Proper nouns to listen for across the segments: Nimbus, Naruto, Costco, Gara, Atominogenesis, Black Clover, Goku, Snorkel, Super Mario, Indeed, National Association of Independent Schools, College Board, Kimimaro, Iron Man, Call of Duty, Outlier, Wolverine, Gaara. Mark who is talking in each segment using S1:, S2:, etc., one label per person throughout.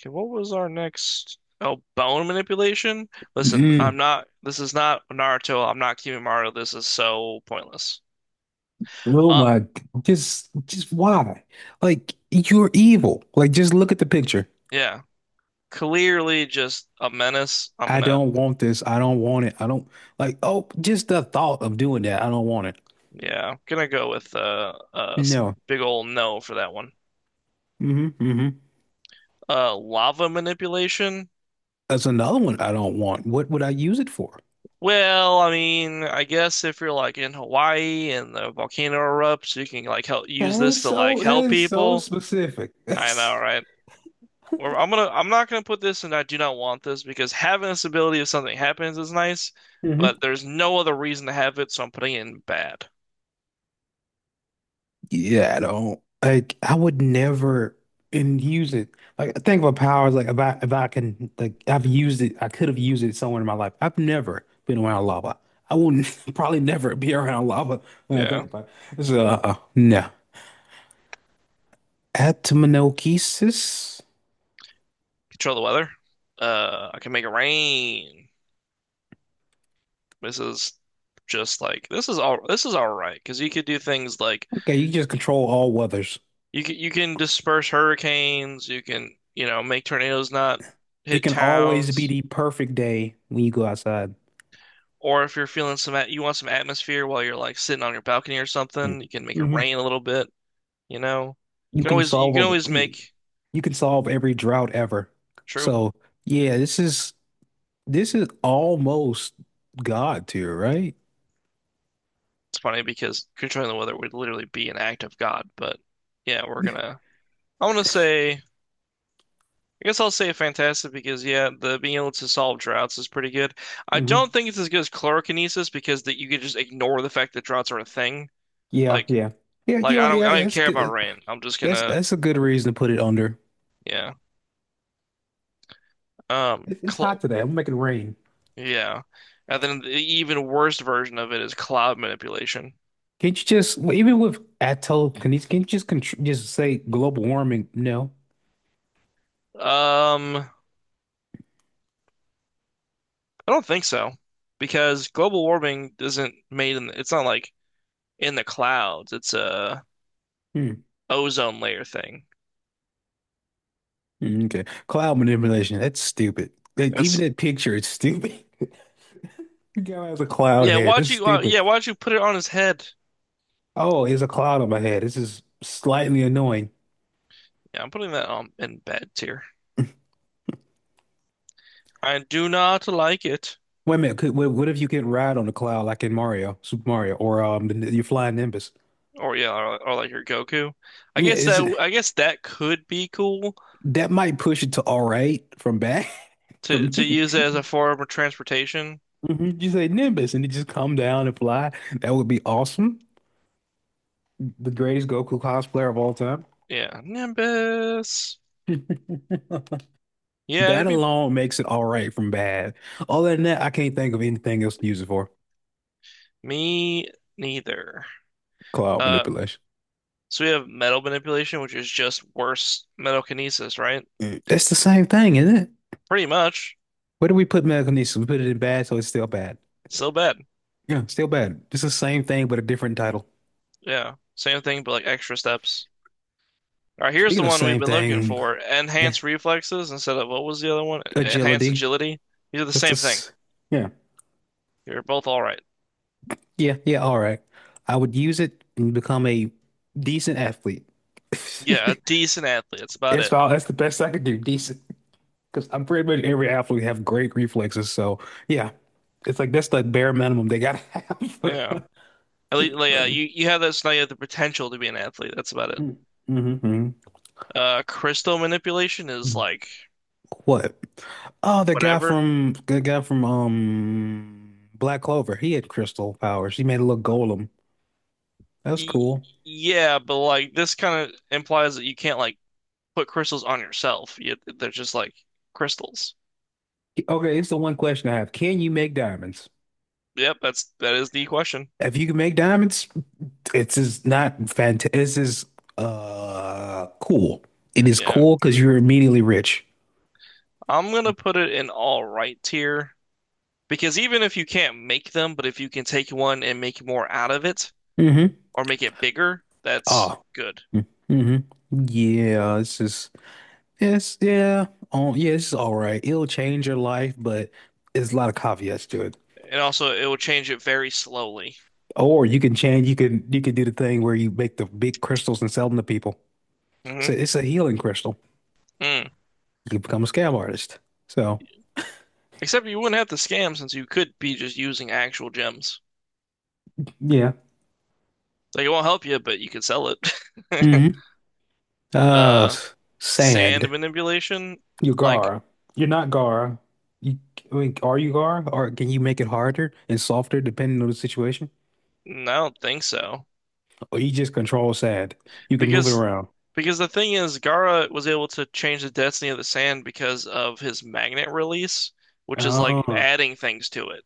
S1: Okay, what was our next? Oh, bone manipulation? Listen, I'm
S2: Mm.
S1: not, this is not Naruto. I'm not Kimimaro. This is so pointless.
S2: Oh
S1: Uh,
S2: my, g- just why? Like, you're evil. Like, just look at the picture.
S1: yeah, clearly just a menace.
S2: I don't want this. I don't want it. I don't like, oh, Just the thought of doing that. I don't want it.
S1: Yeah, gonna go with
S2: No.
S1: big ol' no for that one.
S2: hmm hmm
S1: Lava manipulation?
S2: That's another one I don't want. What would I use it for?
S1: Well, I mean, I guess if you're like in Hawaii and the volcano erupts, you can like help use this to like
S2: That
S1: help
S2: is so
S1: people.
S2: specific.
S1: I know, right? Or I'm gonna I'm not gonna put this and I do not want this because having this ability if something happens is nice, but there's no other reason to have it, so I'm putting it in bad.
S2: Yeah, I don't like I would never and use it. Like I think of a power is like if I can, like, I've used it, I could have used it somewhere in my life. I've never been around lava. I will probably never be around lava when I think
S1: Yeah.
S2: about it. So no. Atominogenesis.
S1: Control the weather. I can make it rain. This is this is all right because you could do things like
S2: Okay, you just control all weathers.
S1: you can disperse hurricanes, you can you know make tornadoes not
S2: It
S1: hit
S2: can always be
S1: towns,
S2: the perfect day when you go outside.
S1: or if you're feeling you want some atmosphere while you're like sitting on your balcony or something, you can make it
S2: Hmm
S1: rain a little bit. You know,
S2: You can
S1: you can
S2: solve
S1: always
S2: a
S1: make
S2: you can solve every drought ever.
S1: true.
S2: So yeah, this is. This is almost God tier, right?
S1: It's funny because controlling the weather would literally be an act of God, but yeah, we're gonna. I want to say. I guess I'll say fantastic because yeah, the being able to solve droughts is pretty good. I
S2: hmm
S1: don't think it's as good as chlorokinesis because that you could just ignore the fact that droughts are a thing.
S2: Yeah,
S1: Like
S2: yeah. Yeah,
S1: like
S2: you know,
S1: I
S2: yeah,
S1: don't even
S2: that's
S1: care about
S2: good.
S1: rain. I'm just
S2: That's
S1: gonna
S2: that's a good reason to put it under.
S1: yeah.
S2: It's
S1: Clo
S2: hot today. I'm making it rain.
S1: yeah. And then the even worst version of it is cloud manipulation.
S2: Can't you just, well, even with atoll? Can you just contr just say global warming? No.
S1: Um, I don't think so because global warming isn't made in it's not like in the clouds. It's a
S2: Hmm.
S1: ozone layer thing.
S2: Mm, okay. Cloud manipulation. That's stupid. Like, even
S1: That's
S2: that picture is stupid. The guy has a cloud
S1: yeah.
S2: head.
S1: Why'd
S2: This is
S1: you yeah?
S2: stupid.
S1: Why'd you put it on his head?
S2: Oh, it's a cloud on my head. This is slightly annoying.
S1: Yeah, I'm putting that on in bed tier. I do not like it.
S2: Wait a minute. What if you could ride on the cloud like in Mario, Super Mario, or the, your flying Nimbus?
S1: Or yeah, or like your Goku.
S2: Yeah, is it
S1: I guess that could be cool
S2: that might push it to all right from bad for
S1: to
S2: me?
S1: use it as a form of transportation.
S2: Mhm. You say Nimbus and it just come down and fly. That would be awesome. The greatest Goku cosplayer of all time.
S1: Yeah, Nimbus. Yeah, it'd
S2: That
S1: be
S2: alone makes it all right from bad. Other than that, I can't think of anything else to use it for.
S1: me neither.
S2: Cloud
S1: Uh,
S2: manipulation.
S1: So we have metal manipulation, which is just worse metal kinesis, right?
S2: Mm. That's the same thing, isn't it?
S1: Pretty much.
S2: Where do we put telekinesis? We put it in bad, so it's still bad.
S1: Still bad.
S2: Yeah, still bad. It's the same thing, but a different title.
S1: Yeah. Same thing, but like extra steps. All right, here's the
S2: Speaking of
S1: one we've
S2: same
S1: been looking
S2: thing,
S1: for.
S2: yeah,
S1: Enhanced reflexes instead of what was the other one? Enhanced
S2: agility.
S1: agility. These are the
S2: Just
S1: same thing.
S2: this. Yeah,
S1: You're both all right.
S2: yeah. All right. I would use it and become a decent athlete.
S1: Yeah, a decent athlete. That's about
S2: It's
S1: it.
S2: all. That's the best I could do. Decent, because I'm pretty much, every athlete have great reflexes. So yeah, it's like that's the bare minimum they gotta
S1: Yeah.
S2: have.
S1: At least, like, yeah,
S2: Mm-hmm.
S1: you have this, now you have the potential to be an athlete. That's about it.
S2: Mm-hmm.
S1: Crystal manipulation is like
S2: What? Oh,
S1: whatever.
S2: the guy from Black Clover. He had crystal powers. He made a little golem. That was
S1: Y
S2: cool.
S1: yeah, but like this kind of implies that you can't like put crystals on yourself. You, they're just like crystals.
S2: Okay, it's the one question I have. Can you make diamonds?
S1: Yep, that is the question.
S2: If you can make diamonds, it's is not fantastic. This is cool. It is
S1: Yeah.
S2: cool because you're immediately rich.
S1: I'm gonna put it in all right tier because even if you can't make them, but if you can take one and make more out of it
S2: Mm-hmm.
S1: or make it bigger, that's
S2: Oh.
S1: good.
S2: Mm-hmm. Yeah, this is yes, yeah. Oh, yeah, it's all right. It'll change your life, but there's a lot of caveats to it.
S1: And also it will change it very slowly.
S2: Or you can change, you can, you can do the thing where you make the big crystals and sell them to people.
S1: Hmm
S2: So it's a healing crystal.
S1: Mm.
S2: You can become a scab artist. So
S1: Except you wouldn't have to scam since you could be just using actual gems.
S2: yeah.
S1: Like it won't help you, but you could sell it.
S2: hmm Uh,
S1: Uh,
S2: s-
S1: sand
S2: sand.
S1: manipulation?
S2: You're
S1: Like,
S2: Gara. You're not Gara. You, I mean, are you Gara? Or can you make it harder and softer depending on the situation?
S1: no, I don't think so.
S2: Or you just control sand. You can move it
S1: Because
S2: around.
S1: because the thing is, Gaara was able to change the density of the sand because of his magnet release, which is like
S2: Oh,
S1: adding things to it.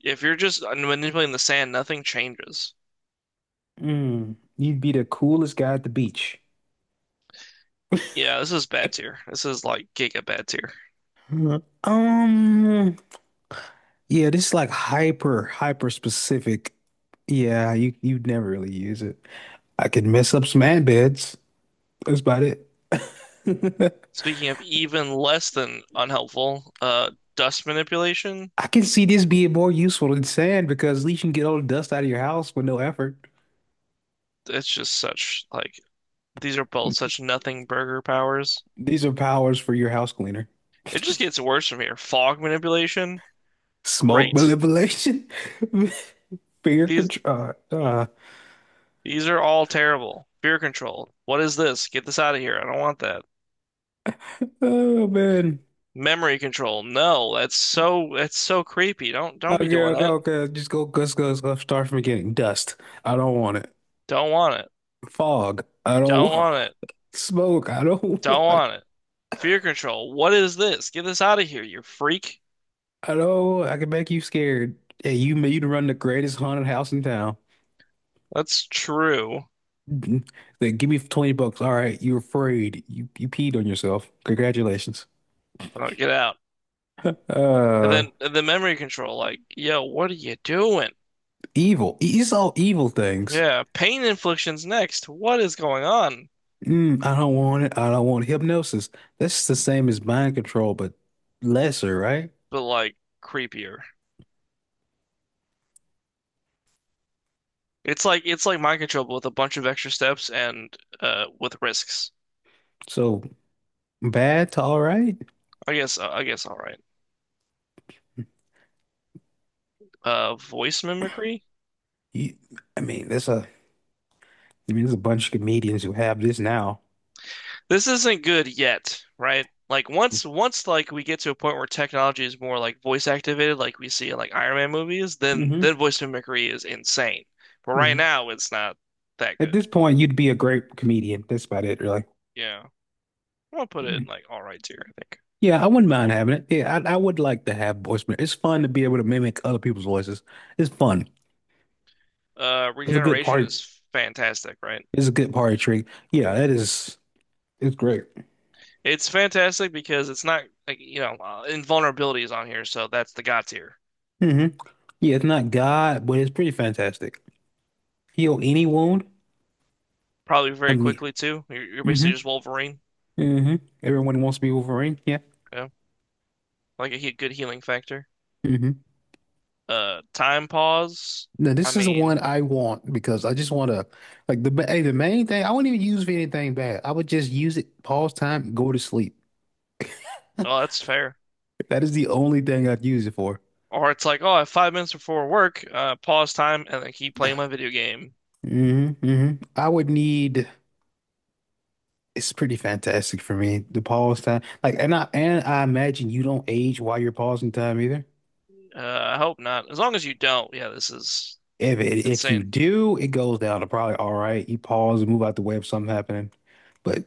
S1: If you're just manipulating the sand, nothing changes.
S2: mm. You'd be the coolest guy at the beach.
S1: Yeah, this is bad tier. This is like giga bad tier.
S2: Mhm. Yeah, this is like hyper, hyper specific. Yeah, you you'd never really use it. I could mess up some ant beds. That's about it.
S1: Speaking of even less than unhelpful, dust manipulation,
S2: I can see this being more useful than sand because at least you can get all the dust out of your house with no effort.
S1: it's just such like these are both such nothing burger powers.
S2: These are powers for your house cleaner.
S1: It just gets worse from here. Fog manipulation,
S2: Smoke
S1: great.
S2: manipulation, finger
S1: These
S2: control.
S1: These are all terrible. Fear control. What is this? Get this out of here. I don't want that.
S2: Oh man.
S1: Memory control. No, that's so creepy. Don't be
S2: Okay,
S1: doing
S2: okay,
S1: that.
S2: okay. Let's go. Start from the beginning. Dust. I don't want it.
S1: Don't want it.
S2: Fog. I don't
S1: Don't
S2: want.
S1: want it.
S2: Smoke. I don't
S1: Don't
S2: want it.
S1: want it. Fear control. What is this? Get this out of here, you freak.
S2: I know I can make you scared. Hey, you made you to run the greatest haunted house in town.
S1: That's true.
S2: Mhm. Then give me 20 bucks. All right, you're afraid. You peed on yourself. Congratulations.
S1: Oh, get out. And
S2: Uh,
S1: then the memory control. Like, yo, what are you doing?
S2: evil. E, it's all evil things.
S1: Yeah, pain inflictions next. What is going on?
S2: Mm, I don't want it. I don't want hypnosis. That's the same as mind control, but lesser, right?
S1: But like creepier. It's like mind control but with a bunch of extra steps and with risks.
S2: So bad to all right.
S1: I guess all right. Voice mimicry.
S2: You, I mean, there's a, I mean, there's a bunch of comedians who have this now.
S1: This isn't good yet, right? Like once like we get to a point where technology is more like voice activated, like we see in like Iron Man movies,
S2: Mm-hmm.
S1: then voice mimicry is insane. But right
S2: mm-hmm.
S1: now, it's not that
S2: At
S1: good.
S2: this point, you'd be a great comedian. That's about it, really.
S1: Yeah, I'm gonna put it in
S2: Mm.
S1: like all right tier, I think.
S2: Yeah, I wouldn't mind having it. Yeah, I would like to have voice. It's fun to be able to mimic other people's voices. It's fun. It's a good
S1: Regeneration
S2: part.
S1: is fantastic, right?
S2: It's a good party trick. Yeah, that is. It's great.
S1: It's fantastic because it's not like you know invulnerability is on here, so that's the god tier.
S2: Hmm Yeah, it's not God, but it's pretty fantastic. Heal any wound.
S1: Probably
S2: I
S1: very
S2: mean,
S1: quickly too. You're
S2: hmm
S1: basically just Wolverine.
S2: hmm everyone wants to be Wolverine. Yeah.
S1: Yeah. Like a he good healing factor.
S2: hmm
S1: Time pause.
S2: Now
S1: I
S2: this is the
S1: mean,
S2: one I want because I just want to, like, the hey, the main thing. I wouldn't even use it for anything bad. I would just use it, pause time, go to sleep.
S1: oh, that's fair.
S2: That is the only thing I'd use it for.
S1: Or it's like, oh, I have 5 minutes before work. Pause time and then keep playing my video game.
S2: I would need. It's pretty fantastic for me. The pause time, like, and I imagine you don't age while you're pausing time either.
S1: Uh, I hope not. As long as you don't, yeah, this is
S2: If it, if you
S1: insane.
S2: do, it goes down to probably all right. You pause and move out the way of something happening, but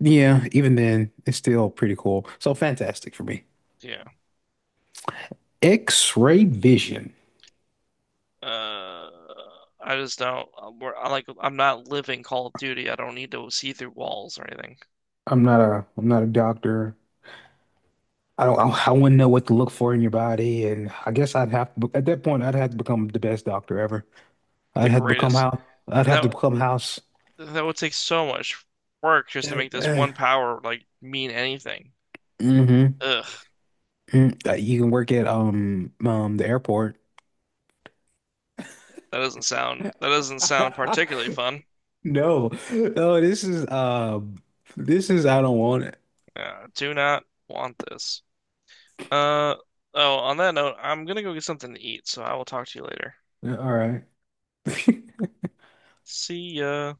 S2: yeah, even then, it's still pretty cool. So fantastic for me.
S1: Yeah.
S2: X-ray vision.
S1: Uh, I just don't. I'm, I like. I'm not living Call of Duty. I don't need to see through walls or anything.
S2: I'm not a doctor. I don't I wouldn't know what to look for in your body, and I guess I'd have to, at that point I'd have to become the best doctor ever.
S1: The
S2: I'd have to become
S1: greatest.
S2: house. I'd have to
S1: That
S2: become house.
S1: that would take so much work just to make this one
S2: Mm-hmm.
S1: power like mean anything.
S2: Mm.
S1: Ugh.
S2: You can work at the airport.
S1: That doesn't sound particularly fun.
S2: No, this is this is, I don't want it.
S1: Yeah, I do not want this. Uh, oh, on that note, I'm gonna go get something to eat, so I will talk to you later.
S2: Yeah, all right.
S1: See ya.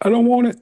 S2: I don't want it.